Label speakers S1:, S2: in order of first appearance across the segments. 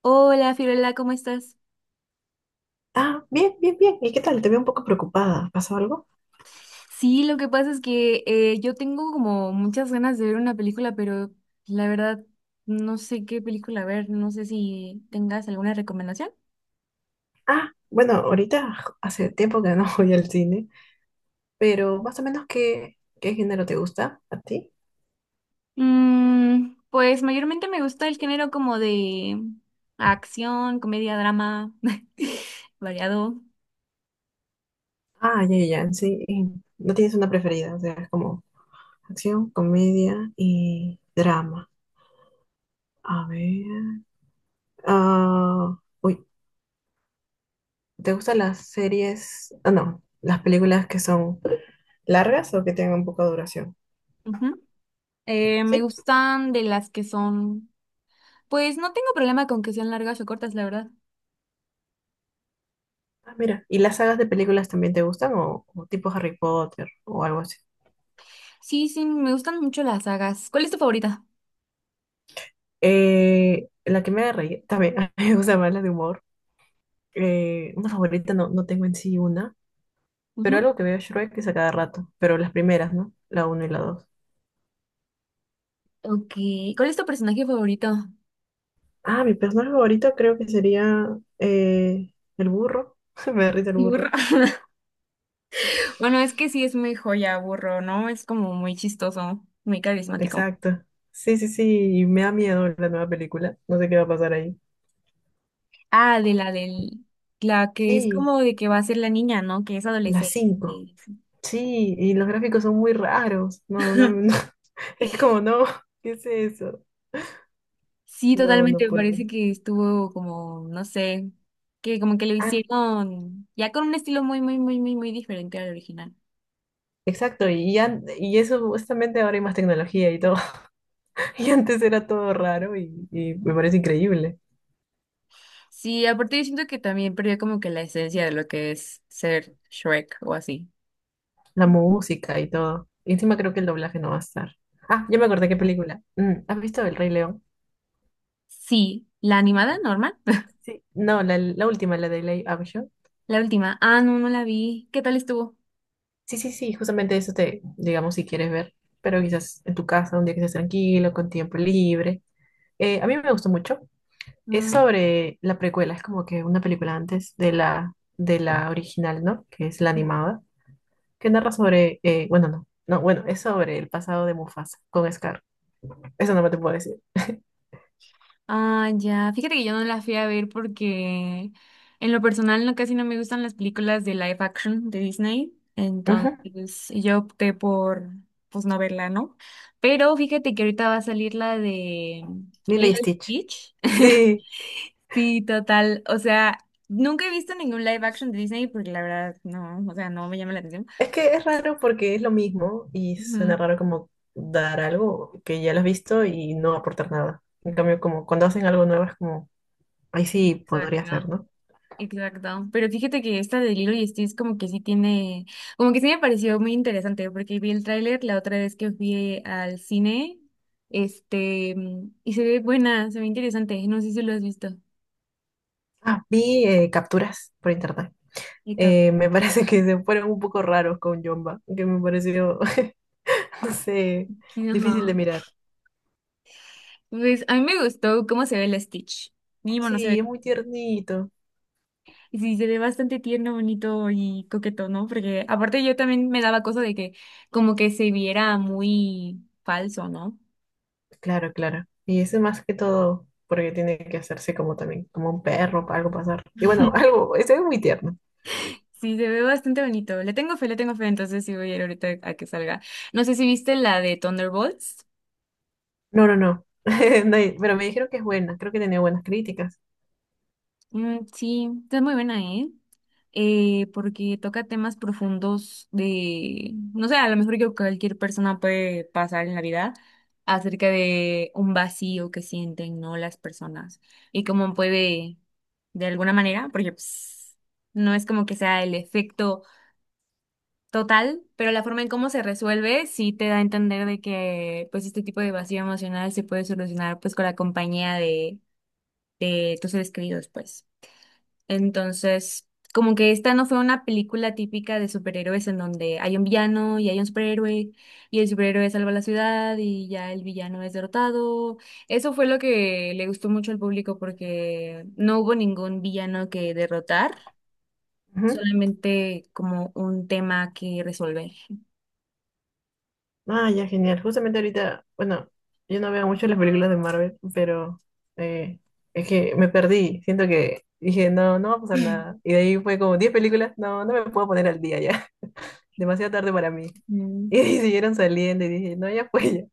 S1: Hola, Fiorella, ¿cómo estás?
S2: Ah, bien, bien, bien. ¿Y qué tal? Te veo un poco preocupada. ¿Pasó algo?
S1: Sí, lo que pasa es que yo tengo como muchas ganas de ver una película, pero la verdad no sé qué película ver, no sé si tengas alguna recomendación.
S2: Ah, bueno, ahorita hace tiempo que no voy al cine, pero más o menos qué género te gusta a ti.
S1: Pues mayormente me gusta el género como de acción, comedia, drama, variado.
S2: Ah, ya, ya, ya, sí. Y no tienes una preferida, o sea, es como acción, comedia y drama. A ver. Ah, uy, ¿te gustan las series? Ah, no, las películas que son largas o que tengan poca duración.
S1: Ujú. Me
S2: ¿Sí?
S1: gustan de las que son, pues no tengo problema con que sean largas o cortas, la verdad.
S2: Ah, mira, ¿y las sagas de películas también te gustan o tipo Harry Potter o algo así?
S1: Sí, sí, me gustan mucho las sagas. ¿Cuál es tu favorita?
S2: La que me haga reír, también a mí me gusta más la de humor. Una favorita no tengo en sí una, pero algo que veo Shrek es a cada rato, pero las primeras, ¿no? La uno y la dos.
S1: Ok. ¿Cuál es tu personaje favorito?
S2: Ah, mi personaje favorito creo que sería el burro. Me da risa el
S1: Burro.
S2: burro.
S1: Bueno, es que sí es muy joya, burro, ¿no? Es como muy chistoso, muy carismático.
S2: Exacto. Sí, sí, sí, y me da miedo la nueva película. No sé qué va a pasar ahí.
S1: Ah, la que es
S2: Sí,
S1: como de que va a ser la niña, ¿no? Que es
S2: las cinco.
S1: adolescente.
S2: Sí, y los gráficos son muy raros. No, no, no. Es como, no, ¿qué es eso?
S1: Sí,
S2: No, no
S1: totalmente, me
S2: puedo.
S1: parece que estuvo como, no sé, que como que lo
S2: Ah,
S1: hicieron ya con un estilo muy, muy, muy, muy, muy diferente al original.
S2: exacto, y, ya y eso justamente ahora hay más tecnología y todo. Y antes era todo raro y me parece increíble.
S1: Sí, aparte yo siento que también perdió como que la esencia de lo que es ser Shrek o así.
S2: La música y todo. Y encima creo que el doblaje no va a estar. Ah, ya me acordé qué película. ¿Has visto El Rey León?
S1: Sí, la animada normal.
S2: Sí. No, la última, la de Live Action.
S1: La última. Ah, no, no la vi. ¿Qué tal estuvo?
S2: Sí, sí, sí, justamente eso te, digamos, si quieres ver. Pero quizás en tu casa, un día que estés tranquilo, con tiempo libre. A mí me gustó mucho. Es
S1: Mm.
S2: sobre la precuela, es como que una película antes de la original, ¿no? Que es la animada, que narra sobre, bueno, no, no, bueno, es sobre el pasado de Mufasa con Scar. Eso no me te puedo decir.
S1: Ah, ya. Fíjate que yo no la fui a ver porque en lo personal no casi no me gustan las películas de live action de Disney.
S2: Ujú.
S1: Entonces yo opté por pues no verla, ¿no? Pero fíjate que ahorita va a salir la de
S2: Lilo y
S1: Lilo
S2: Stitch.
S1: y Stitch.
S2: Sí,
S1: Sí, total. O sea, nunca he visto ningún live action de Disney porque la verdad no, o sea, no me llama la atención.
S2: es que es raro porque es lo mismo y suena
S1: Ujú.
S2: raro como dar algo que ya lo has visto y no aportar nada. En cambio, como cuando hacen algo nuevo es como, ahí sí podría
S1: Exacto.
S2: ser, ¿no?
S1: Exacto, pero fíjate que esta de Lilo y Stitch como que sí tiene, como que sí me pareció muy interesante porque vi el tráiler la otra vez que fui al cine, y se ve buena, se ve interesante, no sé si lo has visto,
S2: Ah, vi capturas por internet.
S1: el capo.
S2: Me parece que se fueron un poco raros con Jumba, que me pareció, no sé, difícil de
S1: Ajá.
S2: mirar.
S1: Pues a mí me gustó cómo se ve el Stitch, mínimo no se
S2: Sí,
S1: ve,
S2: es muy tiernito.
S1: y sí, se ve bastante tierno, bonito y coqueto, ¿no? Porque aparte yo también me daba cosa de que como que se viera muy falso, ¿no?
S2: Claro, claro. Y eso más que todo porque tiene que hacerse como también, como un perro, para algo pasar. Y bueno, algo, eso es muy tierno.
S1: Sí, se ve bastante bonito. Le tengo fe, entonces sí voy a ir ahorita a que salga. No sé si viste la de Thunderbolts.
S2: No, no, no. No hay- Pero me dijeron que es buena, creo que tenía buenas críticas.
S1: Mm, sí, está muy buena, ¿eh? Porque toca temas profundos de, no sé, a lo mejor que cualquier persona puede pasar en la vida acerca de un vacío que sienten, ¿no? Las personas y cómo puede, de alguna manera, porque pues, no es como que sea el efecto. Total, pero la forma en cómo se resuelve sí te da a entender de que pues este tipo de vacío emocional se puede solucionar pues con la compañía de tus seres queridos pues. Entonces, como que esta no fue una película típica de superhéroes en donde hay un villano y hay un superhéroe y el superhéroe salva la ciudad y ya el villano es derrotado. Eso fue lo que le gustó mucho al público porque no hubo ningún villano que derrotar,
S2: Ujú.
S1: solamente como un tema que resolver.
S2: Ah, ya, genial. Justamente ahorita, bueno, yo no veo mucho las películas de Marvel, pero eh, es que me perdí. Siento que dije, no, no va a pasar nada. Y de ahí fue como 10 películas, no, no me puedo poner al día ya. Demasiado tarde para mí.
S1: Mm.
S2: Y siguieron saliendo y dije, no, ya fue.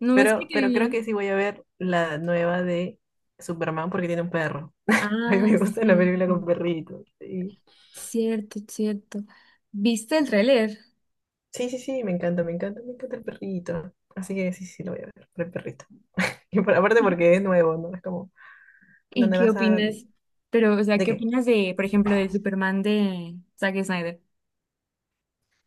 S1: No, es que
S2: Pero,
S1: qué
S2: pero creo
S1: bien.
S2: que sí voy a ver la nueva de Superman porque tiene un perro. A mí
S1: Ah,
S2: me gusta la película
S1: cierto,
S2: con perritos. Sí,
S1: cierto, cierto. ¿Viste el tráiler?
S2: sí, sí, sí, me encanta, me encanta, me encanta el perrito. Así que sí, sí, lo voy a ver, por el perrito. Y aparte porque es nuevo, ¿no? Es como,
S1: ¿Y
S2: ¿dónde
S1: qué
S2: vas a...?
S1: opinas? Pero, o sea,
S2: ¿De
S1: ¿qué
S2: qué?
S1: opinas de, por ejemplo, del Superman de Zack Snyder?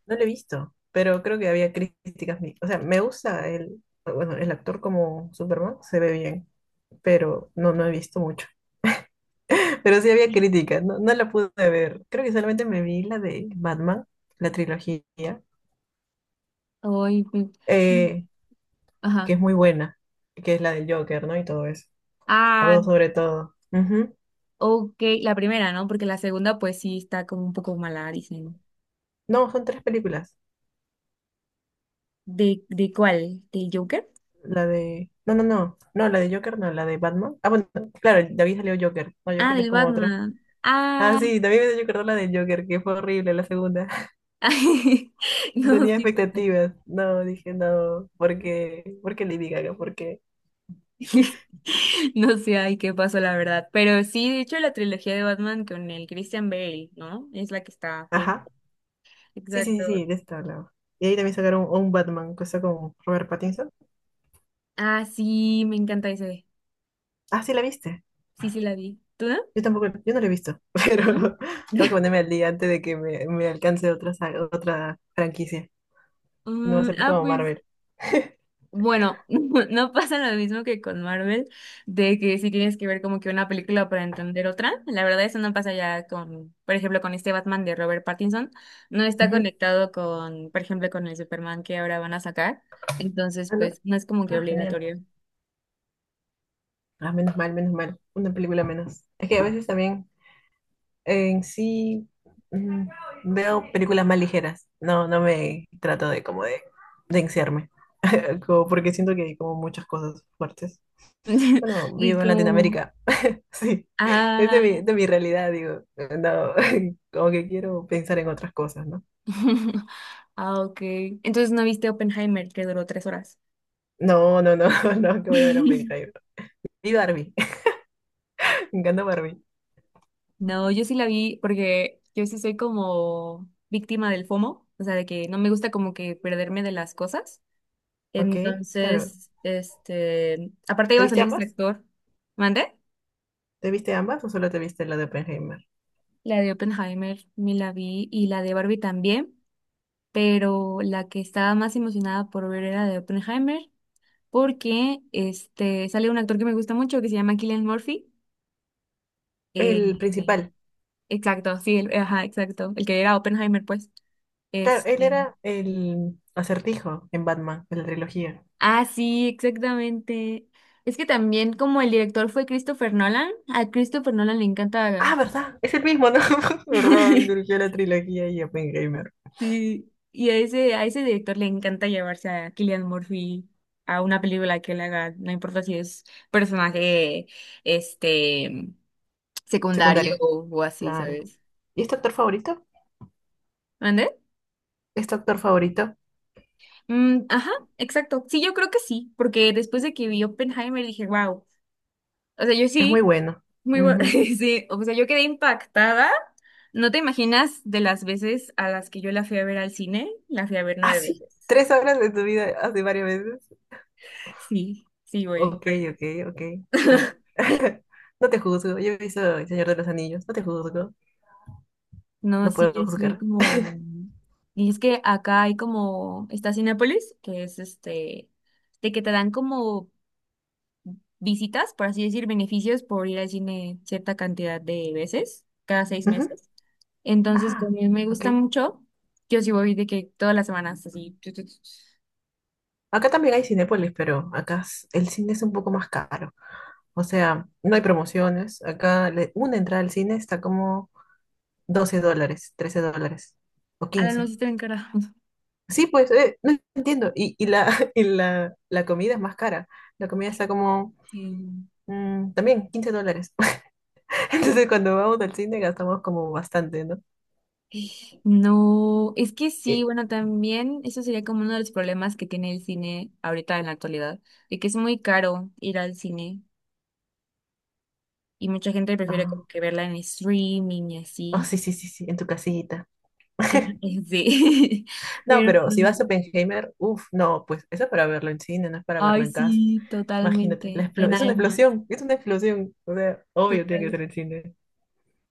S2: No lo he visto, pero creo que había críticas. O sea, me gusta el, bueno, el actor como Superman, se ve bien, pero no, no he visto mucho. Pero sí había críticas, no, no la pude ver. Creo que solamente me vi la de Batman, la trilogía
S1: Ay, pues,
S2: eh, que
S1: ajá.
S2: es muy buena, que es la del Joker, ¿no? Y todo eso. La
S1: Ah,
S2: dos sobre todo. Ujú.
S1: ok, la primera, ¿no? Porque la segunda, pues sí, está como un poco mala, dicen.
S2: No, son tres películas.
S1: ¿De cuál? ¿Del Joker?
S2: La de... No, no, no. No, la de Joker, no, la de Batman. Ah, bueno, claro, David salió Joker. No,
S1: Ah,
S2: Joker es
S1: del
S2: como otro.
S1: Batman.
S2: Ah,
S1: Ah,
S2: sí, también me Joker, no, la de Joker, que fue horrible la segunda.
S1: no,
S2: Tenía
S1: sí, pues.
S2: expectativas. No, dije no, porque Lady Gaga, porque...
S1: No sé, ay, qué pasó, la verdad. Pero sí, de hecho, la trilogía de Batman con el Christian Bale, ¿no? Es la que está bien.
S2: Ajá. Sí, sí,
S1: Exacto.
S2: sí, sí, de esta hablaba. Y ahí también sacaron un Batman, cosa con Robert Pattinson.
S1: Ah, sí, me encanta ese.
S2: Ah, sí, la viste.
S1: Sí, sí, la vi. ¿Tú no?
S2: Yo tampoco, yo no lo he visto,
S1: ¿No?
S2: pero tengo que ponerme al día antes de que me alcance otra franquicia. No va a ser como
S1: Pues,
S2: Marvel.
S1: bueno, no pasa lo mismo que con Marvel, de que si tienes que ver como que una película para entender otra. La verdad, eso no pasa ya con, por ejemplo, con este Batman de Robert Pattinson. No está
S2: Ujú.
S1: conectado con, por ejemplo, con el Superman que ahora van a sacar. Entonces,
S2: Ah, ¿no?
S1: pues, no es como que
S2: Ah, genial.
S1: obligatorio.
S2: Ah, menos mal, menos mal. Una película menos. Es que a veces también en sí mm, veo películas más ligeras. No, no me trato de como de encerrarme. Como porque siento que hay como muchas cosas fuertes. Bueno,
S1: Y
S2: vivo en
S1: como,
S2: Latinoamérica. Sí, es de
S1: ah,
S2: mi, de mi realidad, digo, no, como que quiero pensar en otras cosas, ¿no?
S1: ok. Entonces, ¿no viste Oppenheimer, que duró 3 horas?
S2: No, no, no, no, que voy a ver Oppenheimer. Y Barbie, me encanta Barbie.
S1: No, yo sí la vi porque yo sí soy como víctima del FOMO, o sea, de que no me gusta como que perderme de las cosas.
S2: Ok, claro.
S1: Entonces, este, aparte
S2: ¿Te
S1: iba a
S2: viste
S1: salir este
S2: ambas?
S1: actor, ¿mande?
S2: ¿Te viste ambas o solo te viste la de Oppenheimer?
S1: La de Oppenheimer me la vi y la de Barbie también, pero la que estaba más emocionada por ver era de Oppenheimer porque este sale un actor que me gusta mucho que se llama Cillian Murphy. Eh,
S2: El
S1: eh,
S2: principal,
S1: exacto, sí, ajá, exacto, el que era Oppenheimer, pues.
S2: claro, él
S1: Este,
S2: era el acertijo en Batman, en la trilogía.
S1: Sí, exactamente. Es que también como el director fue Christopher Nolan, a Christopher Nolan le encanta,
S2: Ah, ¿verdad? Es el mismo, ¿no? ¿Verdad? Él dirigió la trilogía y Oppenheimer.
S1: sí, y a ese director le encanta llevarse a Cillian Murphy a una película que él haga, no importa si es personaje este secundario
S2: Secundario,
S1: o así,
S2: claro.
S1: ¿sabes?
S2: ¿Y es tu actor favorito?
S1: ¿Mande?
S2: ¿Es tu actor favorito?
S1: Mm, ajá, exacto. Sí, yo creo que sí, porque después de que vi Oppenheimer dije, wow. O sea, yo
S2: Es muy
S1: sí.
S2: bueno.
S1: Muy bueno,
S2: Ujú.
S1: sí, o sea, yo quedé impactada. No te imaginas de las veces a las que yo la fui a ver al cine, la fui a ver
S2: Ah,
S1: nueve
S2: sí,
S1: veces.
S2: 3 horas de tu vida hace varias veces.
S1: Sí, sí, güey.
S2: Ok, ok, ok. te- No te juzgo. Yo he visto El Señor de los Anillos. No te juzgo.
S1: No,
S2: No
S1: sí,
S2: puedo
S1: yo soy
S2: juzgar.
S1: como... Y es que acá hay como, está Cinépolis, que es este, de que te dan como visitas, por así decir, beneficios por ir al cine cierta cantidad de veces, cada seis
S2: Ujú.
S1: meses. Entonces,
S2: Ah,
S1: también me
S2: ok.
S1: gusta mucho. Yo sí voy de que todas las semanas, así.
S2: Acá también hay Cinépolis, pero acá el cine es un poco más caro. O sea, no hay promociones. Acá una entrada al cine está como $12, $13 o
S1: Alan
S2: 15.
S1: los está encargados.
S2: Sí, pues, no entiendo. Y la, y la comida es más cara. La comida está como también $15. Entonces, cuando vamos al cine gastamos como bastante, ¿no?
S1: No, es que sí,
S2: Y-
S1: bueno, también eso sería como uno de los problemas que tiene el cine ahorita en la actualidad, de que es muy caro ir al cine y mucha gente prefiere
S2: ah,
S1: como que verla en streaming y
S2: oh,
S1: así.
S2: sí, sí, sí, sí, en tu casita.
S1: Sí,
S2: No,
S1: pero
S2: pero si vas a
S1: sí.
S2: Oppenheimer, uff, no, pues eso es para verlo en cine, no es para verlo
S1: Ay,
S2: en casa.
S1: sí,
S2: Imagínate,
S1: totalmente, en
S2: es una
S1: IMAX,
S2: explosión, es una explosión. O sea, obvio tiene que
S1: total,
S2: ser en cine.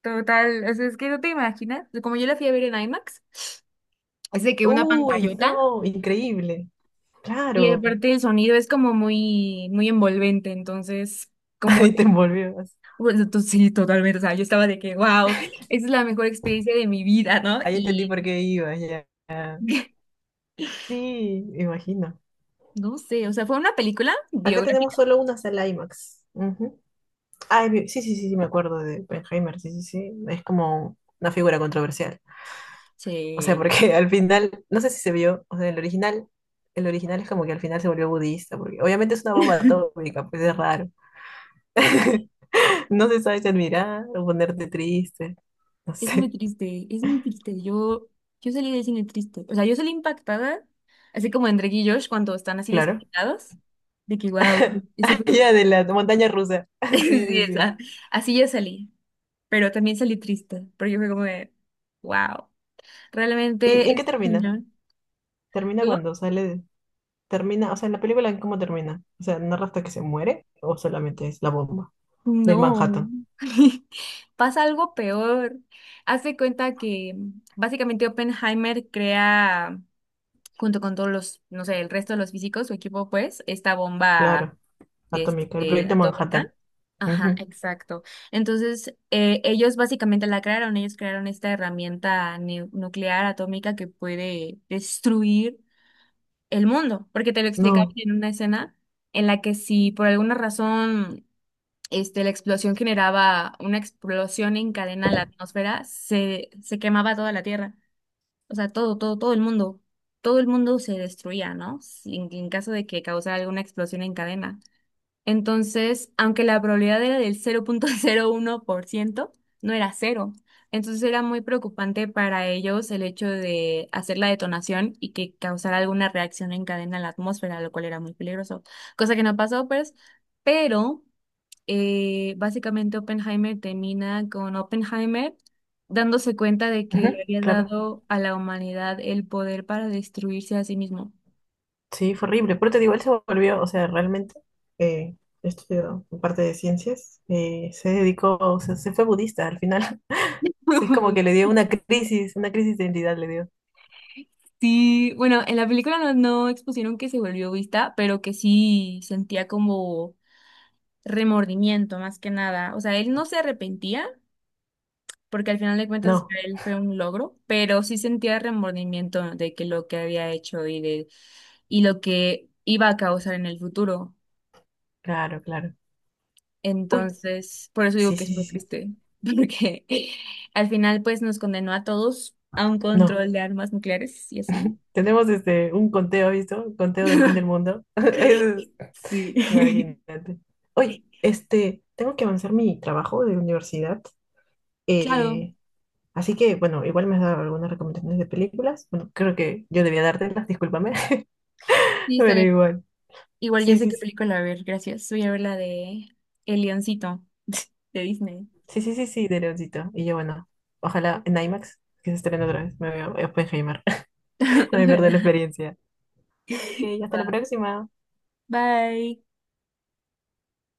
S1: total, o sea, es que no te imaginas, como yo la fui a ver en IMAX, es de que una
S2: Uy,
S1: pantallota.
S2: no, increíble.
S1: Y
S2: Claro,
S1: aparte el sonido es como muy, muy envolvente, entonces, como,
S2: ahí te envolvías.
S1: bueno, sí, totalmente, o sea, yo estaba de que, wow, esa es la mejor experiencia de mi vida, ¿no?
S2: Ahí entendí
S1: Y
S2: por qué ibas ya. Sí, imagino.
S1: no sé, o sea, fue una película
S2: Acá tenemos
S1: biográfica.
S2: solo una sala IMAX. Ujú. Ay, sí, sí, sí, sí, me acuerdo de Oppenheimer, sí, sí, sí. Es como una figura controversial. O sea,
S1: Sí.
S2: porque al final, no sé si se vio, o sea, el original es como que al final se volvió budista, porque obviamente es una bomba atómica, pues es raro. No se sabe si admirar o ponerte triste, no
S1: Es muy
S2: sé,
S1: triste, es muy triste. Yo salí del cine triste. O sea, yo salí impactada, así como en Drake y Josh cuando están así
S2: claro.
S1: despeinados, de que, wow, eso fue.
S2: Ya de la montaña rusa, sí,
S1: Sí,
S2: sí, sí.
S1: esa. Así yo salí, pero también salí triste, pero yo fue como de, wow.
S2: ¿Y
S1: Realmente,
S2: en qué
S1: este
S2: termina?
S1: señor,
S2: ¿Termina
S1: ¿no?
S2: cuando sale? Termina, o sea, en la película, ¿en ¿cómo termina? O sea, ¿narra hasta que se muere o solamente es la bomba del
S1: No.
S2: Manhattan?
S1: Pasa algo peor. Haz de cuenta que básicamente Oppenheimer crea, junto con todos los, no sé, el resto de los físicos, su equipo, pues, esta bomba
S2: Claro. Atómica, el
S1: este,
S2: proyecto Manhattan.
S1: atómica. Ajá,
S2: Ujú.
S1: exacto. Entonces, ellos básicamente la crearon, ellos crearon esta herramienta nuclear atómica que puede destruir el mundo, porque te lo explicaban
S2: No,
S1: en una escena en la que si por alguna razón este, la explosión generaba una explosión en cadena en la atmósfera, se quemaba toda la Tierra, o sea, todo, todo, todo el mundo se destruía, ¿no? En caso de que causara alguna explosión en cadena. Entonces, aunque la probabilidad era del 0,01%, no era cero. Entonces era muy preocupante para ellos el hecho de hacer la detonación y que causara alguna reacción en cadena en la atmósfera, lo cual era muy peligroso, cosa que no pasó, pues. Pero básicamente Oppenheimer termina con Oppenheimer dándose cuenta de que le
S2: ujú,
S1: había
S2: claro.
S1: dado a la humanidad el poder para destruirse a sí mismo.
S2: Sí, fue horrible. Pero te digo, él se volvió, o sea, realmente eh, estudió parte de ciencias, se dedicó, o sea, se fue budista al final. O sea, es como que le dio una crisis de identidad le dio.
S1: Sí, bueno, en la película no expusieron que se volvió vista, pero que sí sentía como remordimiento más que nada. O sea, él no se arrepentía, porque al final de cuentas
S2: No,
S1: para él fue un logro, pero sí sentía remordimiento de que lo que había hecho y lo que iba a causar en el futuro.
S2: claro, claro. Uy,
S1: Entonces, por eso digo
S2: sí,
S1: que es
S2: sí, sí,
S1: muy
S2: sí.
S1: triste, porque al final pues nos condenó a todos a un
S2: No.
S1: control de armas nucleares y así.
S2: Tenemos un conteo, ¿visto? Un conteo del fin del mundo. Eso es,
S1: Sí.
S2: imagínate. Uy, tengo que avanzar mi trabajo de universidad.
S1: Claro,
S2: Eh, Así que, bueno, igual me has dado algunas recomendaciones de películas. Bueno, creo que yo debía dártelas, discúlpame,
S1: sí, está
S2: pero
S1: bien.
S2: igual.
S1: Igual ya
S2: Sí,
S1: sé
S2: sí,
S1: qué
S2: sí,
S1: película ver, gracias. Voy a ver la de El Leoncito de Disney.
S2: sí, sí, sí, sí, de Leoncito. Y yo, bueno, ojalá en IMAX, que se estrene otra vez, me veo Oppenheimer, también perder la experiencia. Ok,
S1: Ojalá.
S2: hasta la
S1: Va.
S2: próxima.
S1: Bye.